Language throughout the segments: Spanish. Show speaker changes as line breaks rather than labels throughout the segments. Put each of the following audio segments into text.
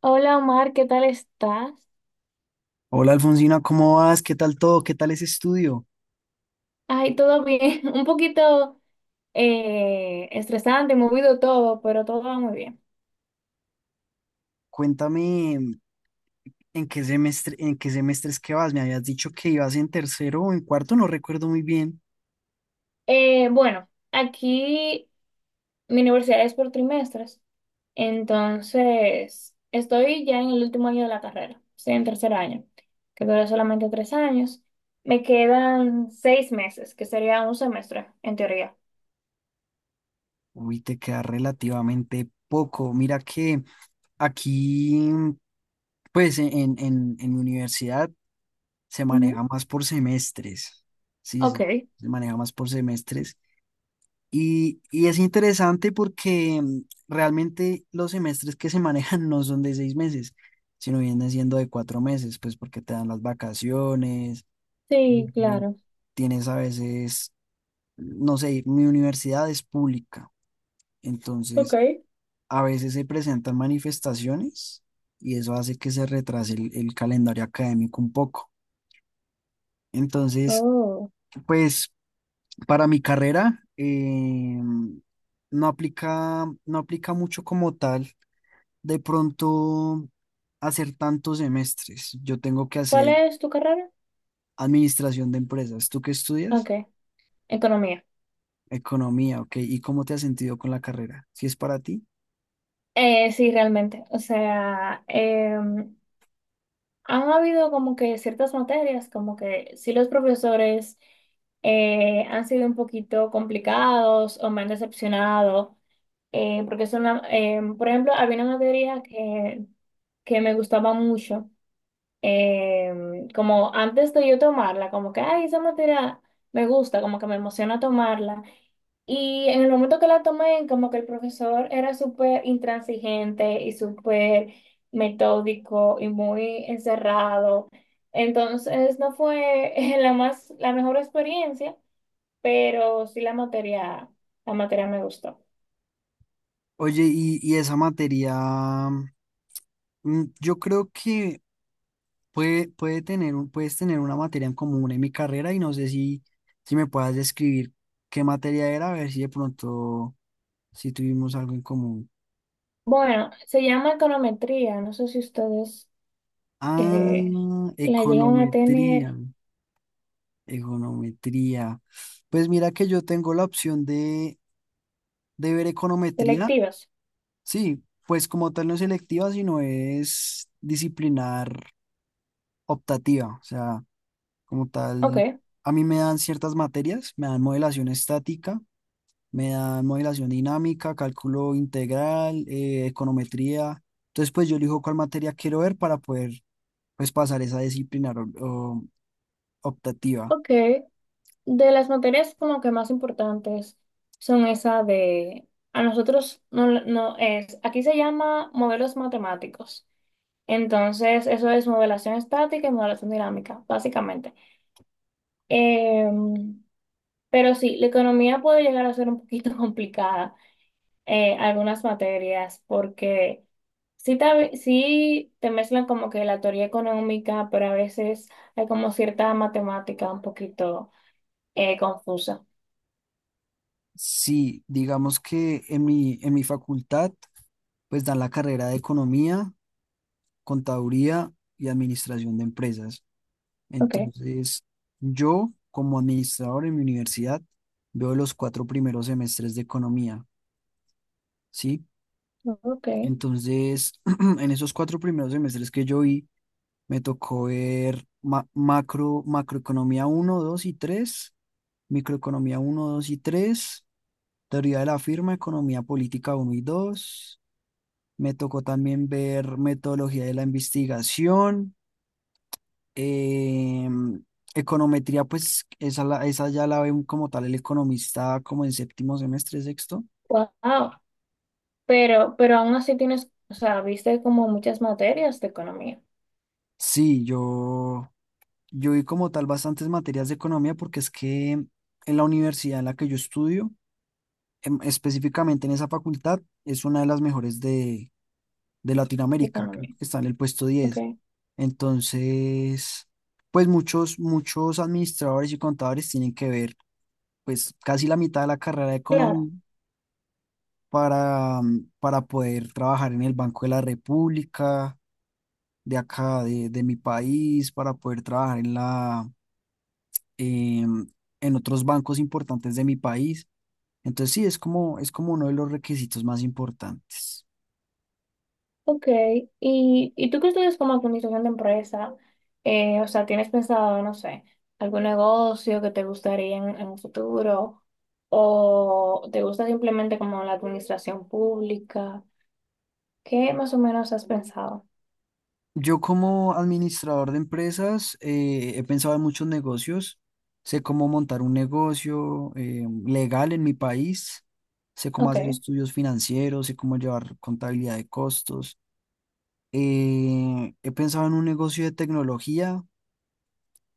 Hola Omar, ¿qué tal estás?
Hola Alfonsina, ¿cómo vas? ¿Qué tal todo? ¿Qué tal ese estudio?
Ay, todo bien, un poquito estresante, movido todo, pero todo va muy bien.
Cuéntame en qué semestres que vas. Me habías dicho que ibas en tercero o en cuarto, no recuerdo muy bien.
Bueno, aquí mi universidad es por trimestres, entonces estoy ya en el último año de la carrera, estoy en tercer año, que dura solamente 3 años. Me quedan 6 meses, que sería un semestre, en teoría.
Uy, te queda relativamente poco. Mira que aquí, pues en mi universidad se
Ujú.
maneja más por semestres. Sí,
Ok,
se maneja más por semestres. Y es interesante porque realmente los semestres que se manejan no son de 6 meses, sino vienen siendo de 4 meses, pues porque te dan las vacaciones.
sí,
eh,
claro.
Tienes a veces, no sé, mi universidad es pública,
Ok.
entonces a veces se presentan manifestaciones y eso hace que se retrase el calendario académico un poco. Entonces,
Oh.
pues para mi carrera, no aplica, mucho como tal de pronto hacer tantos semestres. Yo tengo que
¿Cuál
hacer
es tu carrera?
administración de empresas. ¿Tú qué estudias?
Ok, economía.
Economía, ok. ¿Y cómo te has sentido con la carrera? Si es para ti.
Sí, realmente. O sea, han habido como que ciertas materias, como que sí los profesores han sido un poquito complicados o me han decepcionado, porque es una, por ejemplo, había una materia que me gustaba mucho, como antes de yo tomarla, como que, ay, esa materia me gusta, como que me emociona tomarla. Y en el momento que la tomé, como que el profesor era súper intransigente y súper metódico y muy encerrado. Entonces no fue la mejor experiencia, pero sí la materia me gustó.
Oye, y esa materia, yo creo que puedes tener una materia en común en mi carrera y no sé si me puedas describir qué materia era, a ver si de pronto, si tuvimos algo en común.
Bueno, se llama econometría. No sé si ustedes eh,
Ah,
la llegan a
econometría.
tener
Econometría. Pues mira que yo tengo la opción de ver econometría.
selectivas.
Sí, pues como tal no es selectiva, sino es disciplinar optativa. O sea, como tal,
Ok,
a mí me dan ciertas materias, me dan modelación estática, me dan modelación dinámica, cálculo integral, econometría. Entonces, pues yo elijo cuál materia quiero ver para poder, pues, pasar esa disciplinar o optativa.
ok. De las materias como que más importantes son esa de, a nosotros no, no es, aquí se llama modelos matemáticos. Entonces, eso es modelación estática y modelación dinámica, básicamente. Em, pero sí, la economía puede llegar a ser un poquito complicada, algunas materias, porque sí te mezclan como que la teoría económica, pero a veces hay como cierta matemática un poquito confusa.
Sí, digamos que en mi facultad pues dan la carrera de economía, contaduría y administración de empresas.
Ok,
Entonces, yo como administrador en mi universidad veo los 4 primeros semestres de economía, ¿sí?
ok.
Entonces, en esos 4 primeros semestres que yo vi, me tocó ver macroeconomía uno, 2 y tres, microeconomía uno, 2 y tres, teoría de la firma, economía política uno y dos. Me tocó también ver metodología de la investigación, Eh, econometría. Pues esa ya la ve como tal el economista como en séptimo semestre, sexto.
Wow. Pero aún así tienes, o sea, viste como muchas materias de economía.
Sí, yo vi como tal bastantes materias de economía porque es que en la universidad en la que yo estudio, específicamente en esa facultad, es una de las mejores de,
De
Latinoamérica. Creo
economía.
que está en el puesto
Ok,
10. Entonces, pues muchos, muchos administradores y contadores tienen que ver, pues casi la mitad de la carrera de
claro,
economía para poder trabajar en el Banco de la República, de acá, de, mi país, para poder trabajar em, en otros bancos importantes de mi país. Entonces sí, es como uno de los requisitos más importantes.
ok. ¿Y tú que estudias como administración de empresa? O sea, ¿tienes pensado, no sé, algún negocio que te gustaría en un futuro? ¿O te gusta simplemente como la administración pública? ¿Qué más o menos has pensado?
Yo como administrador de empresas he pensado en muchos negocios. Sé cómo montar un negocio legal en mi país, sé cómo hacer
Ok,
estudios financieros, sé cómo llevar contabilidad de costos. He pensado en un negocio de tecnología.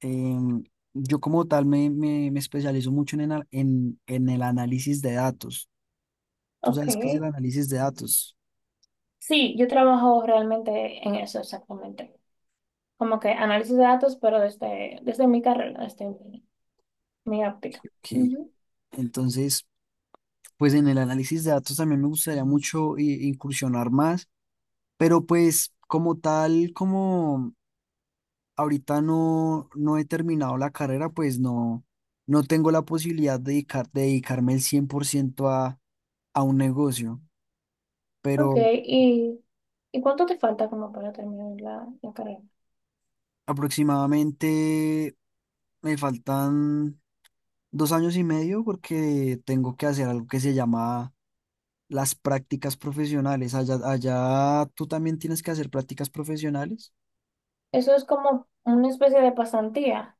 em, yo como tal me especializo mucho en, en el análisis de datos. ¿Tú sabes qué es el
ok.
análisis de datos?
Sí, yo trabajo realmente en eso exactamente. Como que análisis de datos, pero desde mi carrera, desde mi óptica.
Ok.
Ujú.
Entonces, pues en el análisis de datos también me gustaría mucho incursionar más, pero pues como tal, como ahorita no, no, he terminado la carrera, pues no, tengo la posibilidad de, dedicarme el 100% a un negocio.
Ok,
Pero
¿y, y cuánto te falta como para terminar la carrera?
aproximadamente me faltan 2 años y medio porque tengo que hacer algo que se llama las prácticas profesionales. Allá tú también tienes que hacer prácticas profesionales.
Eso es como una especie de pasantía.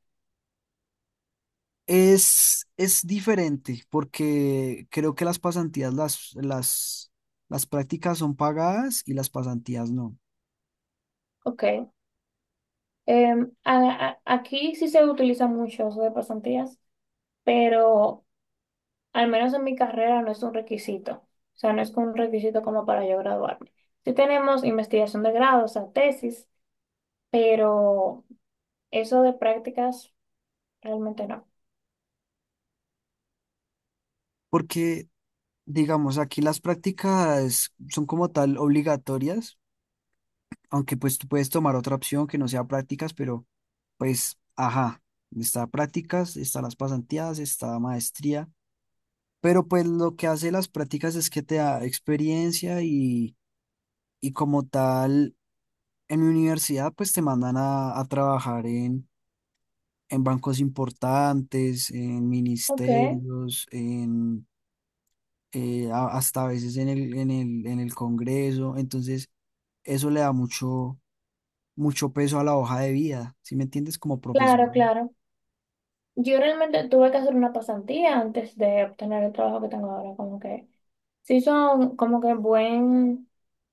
Es diferente porque creo que las pasantías, las prácticas son pagadas y las pasantías no.
Ok. Aquí sí se utiliza mucho eso de pasantías, pero al menos en mi carrera no es un requisito. O sea, no es un requisito como para yo graduarme. Sí tenemos investigación de grado, o sea, tesis, pero eso de prácticas realmente no.
Porque, digamos, aquí las prácticas son como tal obligatorias, aunque pues tú puedes tomar otra opción que no sea prácticas, pero pues, ajá, está prácticas, está las pasantías, está maestría, pero pues lo que hace las prácticas es que te da experiencia, y como tal, en mi universidad pues te mandan a, trabajar en bancos importantes, en
Ok.
ministerios, en... hasta a veces en el Congreso. Entonces eso le da mucho, mucho peso a la hoja de vida, ¿sí me entiendes? Como
Claro,
profesional.
claro. Yo realmente tuve que hacer una pasantía antes de obtener el trabajo que tengo ahora, como que sí son como que buen,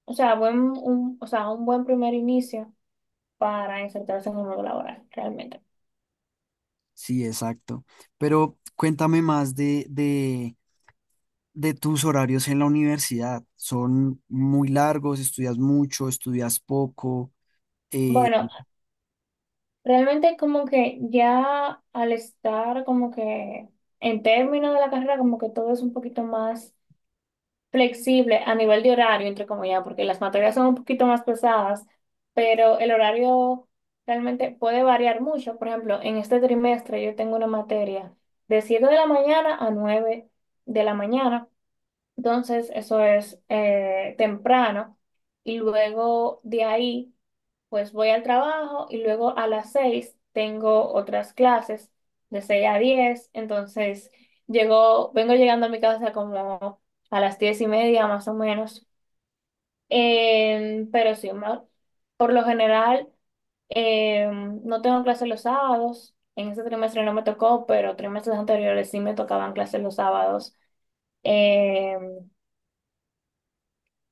o sea, buen, un, o sea, un buen primer inicio para insertarse en el mundo laboral, realmente.
Sí, exacto. Pero cuéntame más de tus horarios en la universidad. ¿Son muy largos? ¿Estudias mucho? ¿Estudias poco? Eh,
Bueno, realmente como que ya al estar como que en términos de la carrera, como que todo es un poquito más flexible a nivel de horario, entre comillas, porque las materias son un poquito más pesadas, pero el horario realmente puede variar mucho. Por ejemplo, en este trimestre yo tengo una materia de 7 de la mañana a 9 de la mañana, entonces eso es temprano y luego de ahí... Pues voy al trabajo y luego a las 6 tengo otras clases de 6 a 10. Entonces llego, vengo llegando a mi casa como a las 10:30 más o menos. Pero sí, por lo general no tengo clases los sábados. En este trimestre no me tocó, pero trimestres anteriores sí me tocaban clases los sábados. Em,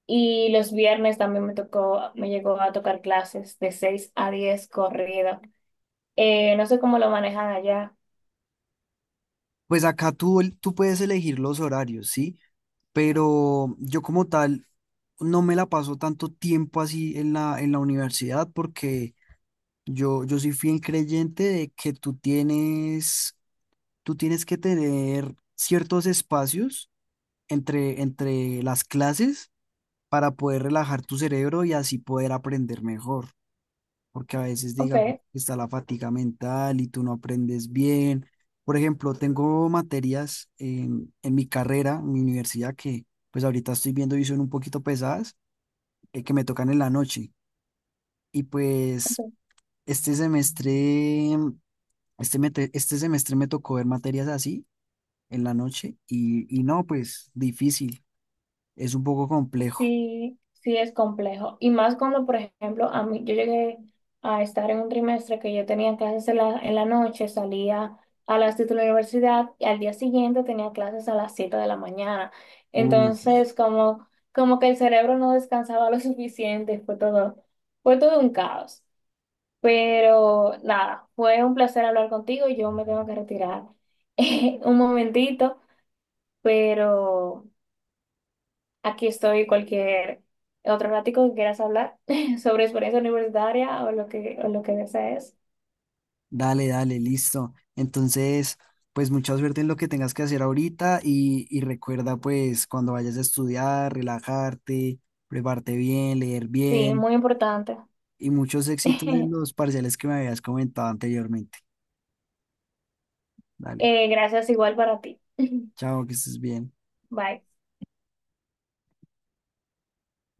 y los viernes también me tocó, me llegó a tocar clases de 6 a 10 corrido. No sé cómo lo manejan allá.
pues acá tú, tú puedes elegir los horarios, ¿sí? Pero yo como tal no me la paso tanto tiempo así en la, universidad porque yo soy fiel creyente de que tú tienes que tener ciertos espacios entre las clases para poder relajar tu cerebro y así poder aprender mejor, porque a veces,
Ok,
digamos, está la fatiga mental y tú no aprendes bien. Por ejemplo, tengo materias en mi carrera, en mi universidad, que pues ahorita estoy viendo y son un poquito pesadas, que me tocan en la noche. Y pues
ok.
este semestre, este semestre me tocó ver materias así en la noche y no, pues difícil, es un poco complejo.
Sí, sí es complejo. Y más cuando, por ejemplo, a mí, yo llegué a estar en un trimestre que yo tenía clases en la noche, salía a las 7 de la universidad y al día siguiente tenía clases a las 7 de la mañana.
Uy,
Entonces, como que el cerebro no descansaba lo suficiente, fue todo un caos. Pero nada, fue un placer hablar contigo. Yo me tengo que retirar un momentito, pero... Aquí estoy cualquier otro ratico que quieras hablar sobre experiencia universitaria o lo que desees.
dale, dale, listo. Entonces, pues mucha suerte en lo que tengas que hacer ahorita y recuerda, pues, cuando vayas a estudiar, relajarte, prepararte bien, leer
Sí,
bien
muy importante.
y muchos éxitos en los parciales que me habías comentado anteriormente. Dale,
Gracias igual para ti.
chao, que estés bien.
Bye.